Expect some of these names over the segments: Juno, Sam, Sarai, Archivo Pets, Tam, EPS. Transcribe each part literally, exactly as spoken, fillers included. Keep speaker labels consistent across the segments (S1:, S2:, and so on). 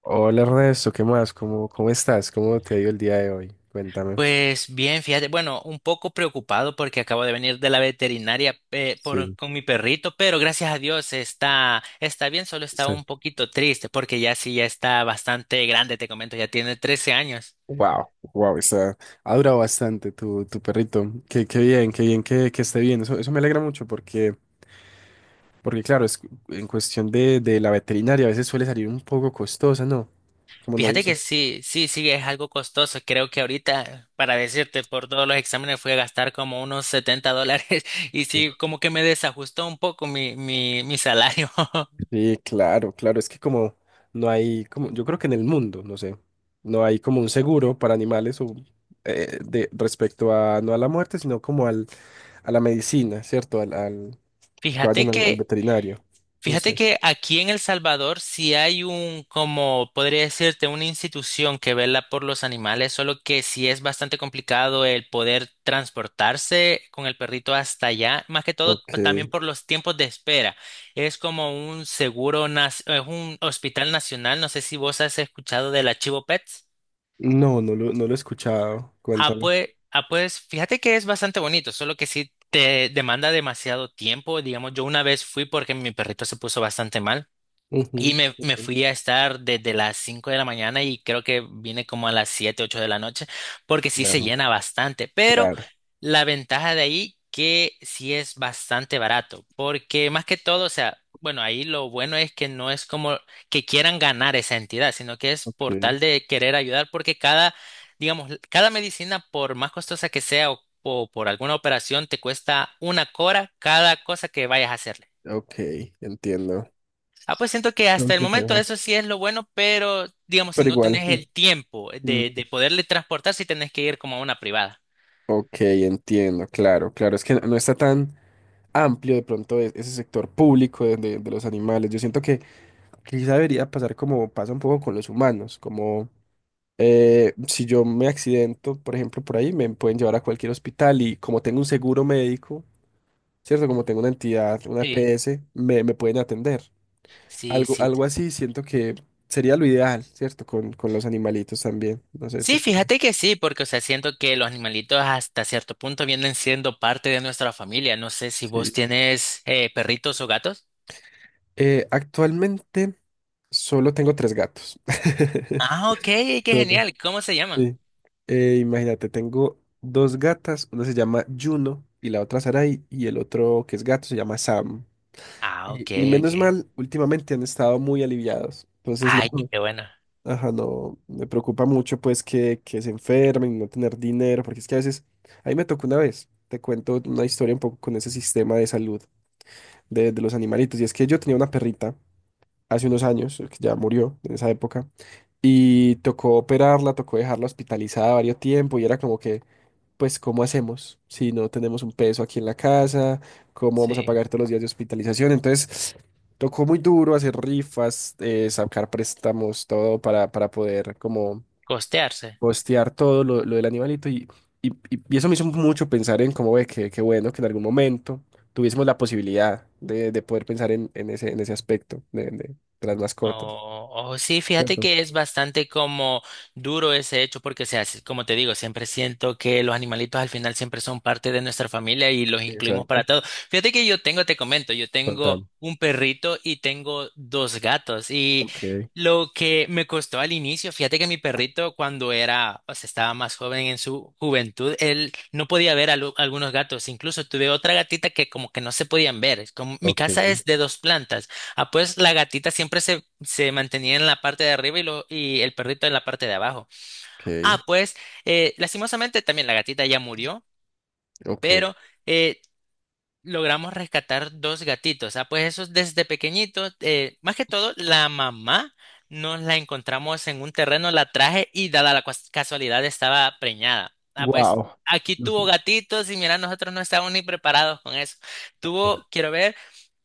S1: Hola Ernesto, ¿qué más? ¿Cómo, cómo estás? ¿Cómo te ha ido el día de hoy? Cuéntame.
S2: Pues bien, fíjate, bueno, un poco preocupado porque acabo de venir de la veterinaria, eh, por,
S1: Sí,
S2: con mi perrito, pero gracias a Dios está, está bien, solo estaba
S1: sí.
S2: un poquito triste porque ya sí, ya está bastante grande, te comento, ya tiene trece años.
S1: Wow, wow, está, ha durado bastante tu, tu perrito. Qué, qué bien, qué bien que, que esté bien. Eso, eso me alegra mucho porque, porque claro, es, en cuestión de, de la veterinaria a veces suele salir un poco costosa, ¿no? Como no hay un...
S2: Fíjate que sí, sí, sí, es algo costoso. Creo que ahorita, para decirte, por todos los exámenes fui a gastar como unos setenta dólares y sí, como que me desajustó un poco mi, mi, mi salario.
S1: Sí, claro, claro, es que como no hay, como, yo creo que en el mundo, no sé, no hay como un seguro para animales o, eh, de, respecto a, no a la muerte, sino como al, a la medicina, ¿cierto? Al, al- que
S2: Fíjate
S1: vayan al, al
S2: que
S1: veterinario, no
S2: Fíjate
S1: sé.
S2: que aquí en El Salvador sí hay un, como podría decirte, una institución que vela por los animales, solo que sí es bastante complicado el poder transportarse con el perrito hasta allá, más que todo pa- también
S1: Ok.
S2: por los tiempos de espera. Es como un seguro, nas- es un hospital nacional, no sé si vos has escuchado del Archivo Pets.
S1: No, no lo, no lo he escuchado,
S2: Ah,
S1: cuéntame.
S2: pues, ah, pues fíjate que es bastante bonito, solo que sí te demanda demasiado tiempo. Digamos, yo una vez fui porque mi perrito se puso bastante mal. Y
S1: Ujú,
S2: me,
S1: ok.
S2: me fui a estar desde las cinco de la mañana y creo que vine como a las siete ocho de la noche, porque sí se
S1: Claro,
S2: llena bastante. Pero
S1: claro,
S2: la ventaja de ahí que sí es bastante barato, porque más que todo, o sea, bueno, ahí lo bueno es que no es como que quieran ganar esa entidad, sino que es por
S1: ok,
S2: tal de querer ayudar, porque cada, digamos, cada medicina, por más costosa que sea o, o por alguna operación, te cuesta una cora cada cosa que vayas a hacer.
S1: ok, entiendo.
S2: Ah, pues siento que hasta el momento
S1: Complicado.
S2: eso sí es lo bueno, pero digamos, si
S1: Pero
S2: no
S1: igual,
S2: tenés
S1: mm,
S2: el tiempo de,
S1: mm,
S2: de poderle transportar, si tenés que ir como a una privada.
S1: ok, entiendo, claro, claro, es que no no está tan... amplio de pronto e- ese sector público de, de- de los animales. Yo siento que quizá debería pasar como pasa un poco con los humanos, como eh, si yo me accidento, por ejemplo, por ahí, me pueden llevar a cualquier hospital y como tengo un seguro médico, ¿cierto? Como tengo una entidad, una
S2: Sí,
S1: EPS, me, me pueden atender.
S2: sí,
S1: Algo,
S2: sí.
S1: algo así siento que sería lo ideal, ¿cierto? Con, con los animalitos también. No sé, tú
S2: Sí,
S1: qué piensas.
S2: fíjate que sí, porque, o sea, siento que los animalitos hasta cierto punto vienen siendo parte de nuestra familia. No sé si vos
S1: Sí.
S2: tienes, eh, perritos o gatos.
S1: Eh, actualmente solo tengo tres gatos.
S2: Ah, ok, qué
S1: Solo.
S2: genial. ¿Cómo se llaman?
S1: Sí. Eh, imagínate, tengo dos gatas, una se llama Juno y la otra Sarai, y el otro que es gato se llama Sam.
S2: Ah,
S1: Y,
S2: ok,
S1: y
S2: ok.
S1: menos mal, últimamente han estado muy aliviados. Entonces no,
S2: Ay, qué bueno.
S1: ajá, no, me preocupa mucho pues que, que se enfermen, y no tener dinero, porque es que a veces, ahí me tocó una vez, te cuento una historia un poco con ese sistema de salud de, de los animalitos, y es que yo tenía una perrita hace unos años, que ya murió en esa época, y tocó operarla, tocó dejarla hospitalizada varios tiempo y era como que, pues, ¿cómo hacemos si no tenemos un peso aquí en la casa? ¿Cómo vamos a
S2: Sí.
S1: pagar todos los días de hospitalización? Entonces, tocó muy duro hacer rifas, eh, sacar préstamos, todo para, para poder como
S2: Costearse.
S1: costear todo lo, lo del animalito y, y, y- y eso me hizo mucho pensar en cómo ve que, que bueno que en algún momento tuviésemos la posibilidad de, de poder pensar en, en ese, en ese aspecto de, de de las mascotas.
S2: Oh, oh, oh, sí, fíjate
S1: ¿Cierto?
S2: que es bastante como duro ese hecho porque, o sea, si- como te digo, siempre siento que los animalitos al final siempre son parte de nuestra familia y los incluimos para
S1: Exacto.
S2: todo. Fíjate que yo tengo, te comento, yo
S1: Con
S2: tengo
S1: Tam.
S2: un perrito y tengo dos gatos, y
S1: Ok,
S2: lo que me costó al inicio, fíjate que mi perrito cuando era, o sea, estaba más joven en su juventud, él no podía ver a lo- algunos gatos, incluso tuve otra gatita que como que no se podían ver. Es como, mi
S1: ok.
S2: casa es de dos plantas. Ah, pues la gatita siempre se, se mantenía en la parte de arriba, y lo, y el perrito en la parte de abajo.
S1: Ok,
S2: Ah, pues eh, lastimosamente también la gatita ya murió,
S1: ok.
S2: pero eh, logramos rescatar dos gatitos. Ah, pues esos desde pequeñitos, eh, más que todo la mamá nos la encontramos en un terreno, la traje y dada la cuas- casualidad estaba preñada. Ah, pues
S1: Wow.
S2: aquí tuvo
S1: Ujú.
S2: gatitos y mira, nosotros no estábamos ni preparados con eso. Tuvo, quiero ver.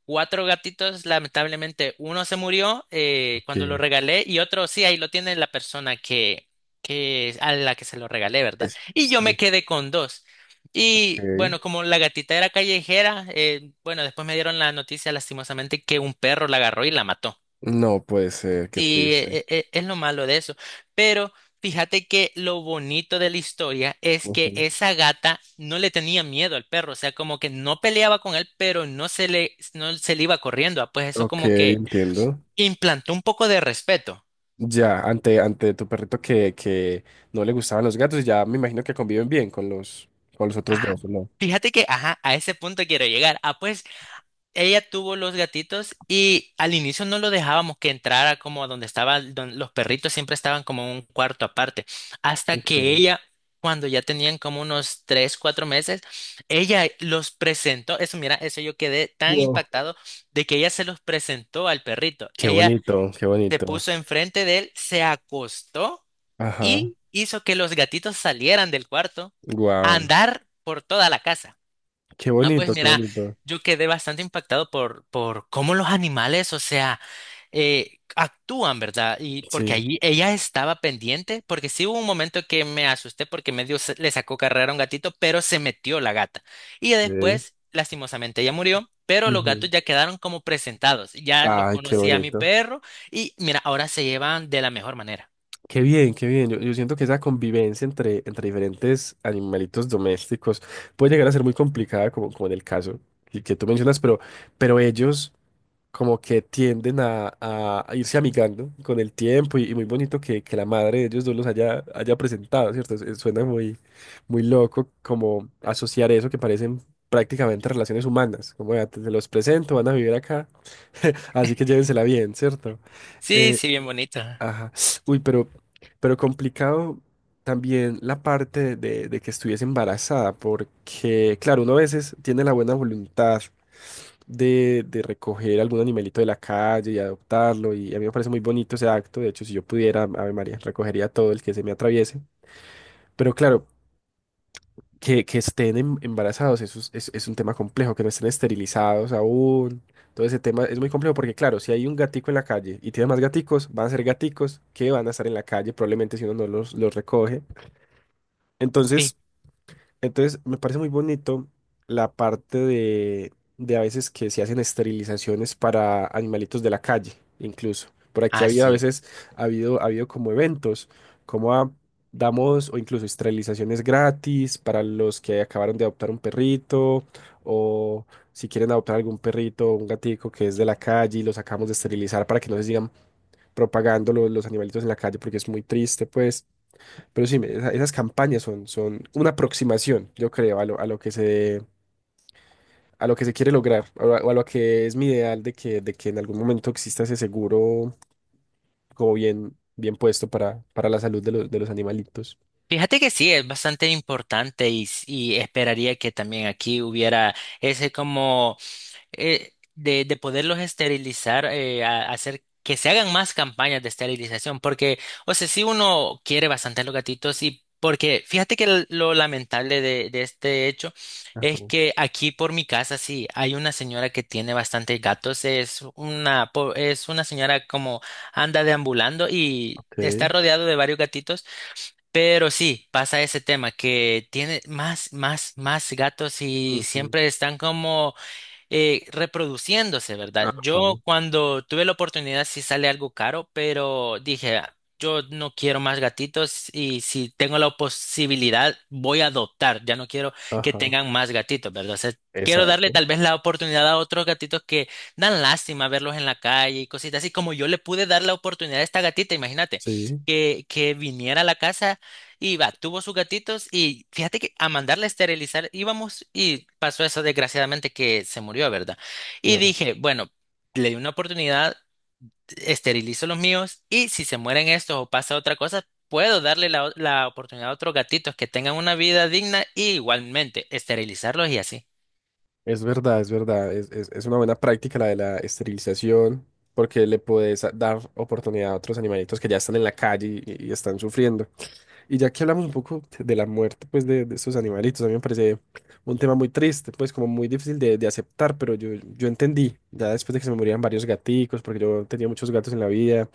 S2: Cuatro gatitos, lamentablemente, uno se murió eh, cuando lo
S1: Ok.
S2: regalé y otro sí, ahí lo tiene la persona que, que a la que se lo regalé, ¿verdad?
S1: Es-
S2: Y yo me
S1: sí,
S2: quedé con dos. Y
S1: ok.
S2: bueno, como la gatita era callejera, eh, bueno, después me dieron la noticia lastimosamente que un perro la agarró y la mató.
S1: No puede ser, qué
S2: Sí,
S1: triste.
S2: e- e- es lo malo de eso. Pero fíjate que lo bonito de la historia es que
S1: Ujú.
S2: esa gata no le tenía miedo al perro, o sea, como que no peleaba con él, pero no se le, no se le iba corriendo. Ah, pues eso
S1: Ok,
S2: como que
S1: entiendo.
S2: implantó un poco de respeto.
S1: Ya, ante, ante tu perrito que, que no le gustaban los gatos, ya me imagino que conviven bien con los, con los otros
S2: Ajá.
S1: dos, ¿o ¿no?
S2: Fíjate que, ajá, a ese punto quiero llegar. Ah, pues ella tuvo los gatitos y al inicio no lo dejábamos que entrara como a donde estaban los perritos, siempre estaban como en un cuarto aparte. Hasta que
S1: Ok,
S2: ella, cuando ya tenían como unos tres, cuatro meses, ella los presentó. Eso, mira, eso yo quedé tan
S1: wow.
S2: impactado de que ella se los presentó al perrito.
S1: Qué
S2: Ella
S1: bonito, qué
S2: se
S1: bonito.
S2: puso enfrente de él, se acostó
S1: Ajá.
S2: y hizo que los gatitos salieran del cuarto a
S1: Wow.
S2: andar por toda la casa.
S1: Qué
S2: Ah, pues
S1: bonito, qué
S2: mira,
S1: bonito.
S2: yo quedé bastante impactado por, por cómo los animales, o sea, eh, actúan, ¿verdad? Y porque
S1: Sí.
S2: allí ella estaba pendiente, porque sí hubo un momento que me asusté porque medio se- le sacó carrera a un gatito, pero se metió la gata. Y ya
S1: Ok,
S2: después, lastimosamente, ella murió, pero los
S1: ujú.
S2: gatos ya quedaron como presentados. Ya los
S1: Ay, qué
S2: conocía mi
S1: bonito.
S2: perro y mira, ahora se llevan de la mejor manera.
S1: Qué bien, qué bien. Yo, yo siento que esa convivencia entre, entre diferentes animalitos domésticos puede llegar a ser muy complicada, como, como en el caso que, que tú mencionas, pero, pero ellos como que tienden a, a- a irse amigando con el tiempo y, y muy bonito que, que la madre de ellos dos los haya, haya presentado, ¿cierto? Es- es- Suena muy, muy loco como asociar eso que parecen prácticamente relaciones humanas, como ya te, te los presento, van a vivir acá, así que llévensela bien, ¿cierto?
S2: Sí,
S1: Eh,
S2: sí, bien bonito.
S1: Ajá. Uy, pero, pero complicado también la parte de, de que estuviese embarazada, porque, claro, uno a veces tiene la buena voluntad de, de recoger algún animalito de la calle y adoptarlo, y a mí me parece muy bonito ese acto. De hecho, si yo pudiera, Ave María, recogería todo el que se me atraviese. Pero claro, que, que estén em- embarazados, eso es, es- es un tema complejo, que no estén esterilizados aún. Todo ese tema es muy complejo porque, claro, si hay un gatico en la calle y tiene más gaticos, van a ser gaticos que van a estar en la calle, probablemente si uno no los, los recoge.
S2: Sí,
S1: Entonces, entonces, me parece muy bonito la parte de, de a veces que se hacen esterilizaciones para animalitos de la calle, incluso. Por aquí ha habido a
S2: así.
S1: veces, ha habido, ha habido como eventos, como a- damos o incluso esterilizaciones gratis para los que acabaron de adoptar un perrito o si quieren adoptar algún perrito o un gatico que es de la calle y los acabamos de esterilizar para que no se sigan propagando lo- los animalitos en la calle porque es muy triste, pues. Pero sí, me- esa- esas campañas son, son una aproximación, yo creo, a lo, a lo que se, a lo que se quiere lograr, o a, o a lo que es mi ideal de que, de que en algún momento exista ese seguro como bien, bien puesto para, para la salud de los, de los animalitos.
S2: Fíjate que sí, es bastante importante y, s- y esperaría que también aquí hubiera ese como, eh, de, de poderlos esterilizar, eh, a- hacer que se hagan más campañas de esterilización, porque, o sea, si uno quiere bastante los gatitos y porque fíjate que l- lo lamentable de, de este hecho
S1: Ajá,
S2: es que aquí por mi casa sí hay una señora que tiene bastantes gatos, es una, po- es una señora como anda deambulando y está
S1: ok.
S2: rodeado de varios gatitos. Pero sí, pasa ese tema que tiene más, más, más gatos y
S1: Ujú.
S2: siempre están como eh, reproduciéndose, ¿verdad?
S1: Ajá.
S2: Yo cuando tuve la oportunidad sí sale algo caro, pero dije, "Ah, yo no quiero más gatitos y si tengo la posibilidad voy a adoptar, ya no quiero que,
S1: Ajá,
S2: tengan más gatitos, ¿verdad? O sea, quiero darle
S1: exacto.
S2: tal vez la oportunidad a otros gatitos que dan lástima verlos en la calle y cositas así como yo le pude dar la oportunidad a esta gatita, imagínate,
S1: Sí,
S2: que, que viniera a la casa. Y va, tuvo sus gatitos y fíjate que a mandarla a esterilizar íbamos y pasó eso desgraciadamente que se murió, ¿verdad? Y
S1: claro.
S2: dije, bueno, le di una oportunidad, esterilizo los míos y si se mueren estos o pasa otra cosa, puedo darle la, o- la oportunidad a otros gatitos que tengan una vida digna y igualmente esterilizarlos y así.
S1: Es verdad, es verdad. Es, es, es una buena práctica la de la esterilización, porque le puedes a- dar oportunidad a otros animalitos que ya están en la calle y, y están sufriendo. Y ya que hablamos un poco de la muerte, pues, de, de estos animalitos, a mí me parece un tema muy triste, pues, como muy difícil de, de aceptar, pero yo, yo entendí, ya después de que se me morían varios gaticos, porque yo tenía muchos gatos en la vida,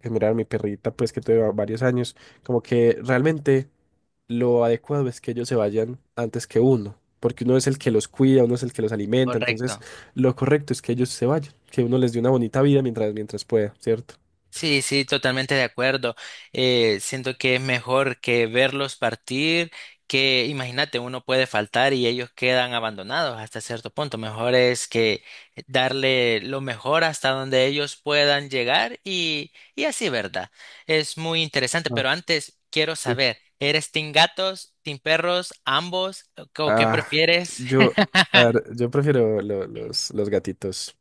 S1: que miraban mi perrita, pues, que tuve va- varios años, como que realmente lo adecuado es que ellos se vayan antes que uno, porque uno es el que los cuida, uno es el que los alimenta, entonces
S2: Correcto.
S1: lo correcto es que ellos se vayan, que uno les dé una bonita vida mientras, mientras pueda, ¿cierto?
S2: Sí, sí, totalmente de acuerdo. Eh, siento que es mejor que verlos partir, que imagínate, uno puede faltar y ellos quedan abandonados hasta cierto punto. Mejor es que darle lo mejor hasta donde ellos puedan llegar y, y así, ¿verdad? Es muy interesante,
S1: Ah,
S2: pero antes quiero
S1: sí.
S2: saber, ¿eres team gatos, team perros, ambos o qué
S1: Ah,
S2: prefieres?
S1: yo, a ver, yo prefiero lo- los, los gatitos.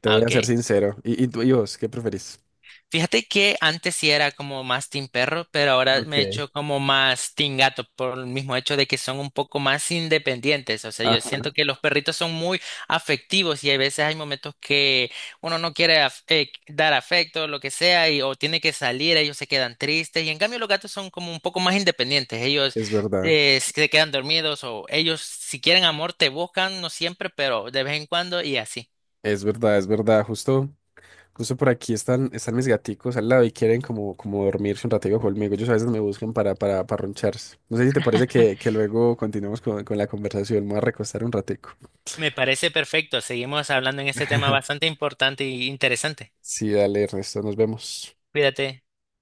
S1: Te
S2: Ah,
S1: voy a ser
S2: ok.
S1: sincero. ¿Y, y tú- y vos, qué preferís?
S2: Fíjate que antes sí era como más team perro, pero ahora me he
S1: Ok.
S2: hecho como más team gato por el mismo hecho de que son un poco más independientes. O sea, yo
S1: Ajá,
S2: siento que los perritos son muy afectivos y hay veces hay momentos que uno no quiere af- eh, dar afecto, lo que sea, y, o tiene que salir, ellos se quedan tristes. Y en cambio los gatos son como un poco más independientes. Ellos
S1: es verdad.
S2: eh, se quedan dormidos o ellos si quieren amor te buscan, no siempre, pero de vez en cuando y así.
S1: Es verdad, es verdad. Justo, justo por aquí están, están mis gaticos al lado y quieren como, como dormirse un ratico conmigo. Ellos a veces me buscan para, para, para roncharse. No sé si te parece que, que luego continuemos con, con la conversación. Me voy a recostar un ratico.
S2: Me parece perfecto. Seguimos hablando en este tema bastante importante e interesante.
S1: Sí, dale, Ernesto, nos vemos.
S2: Cuídate.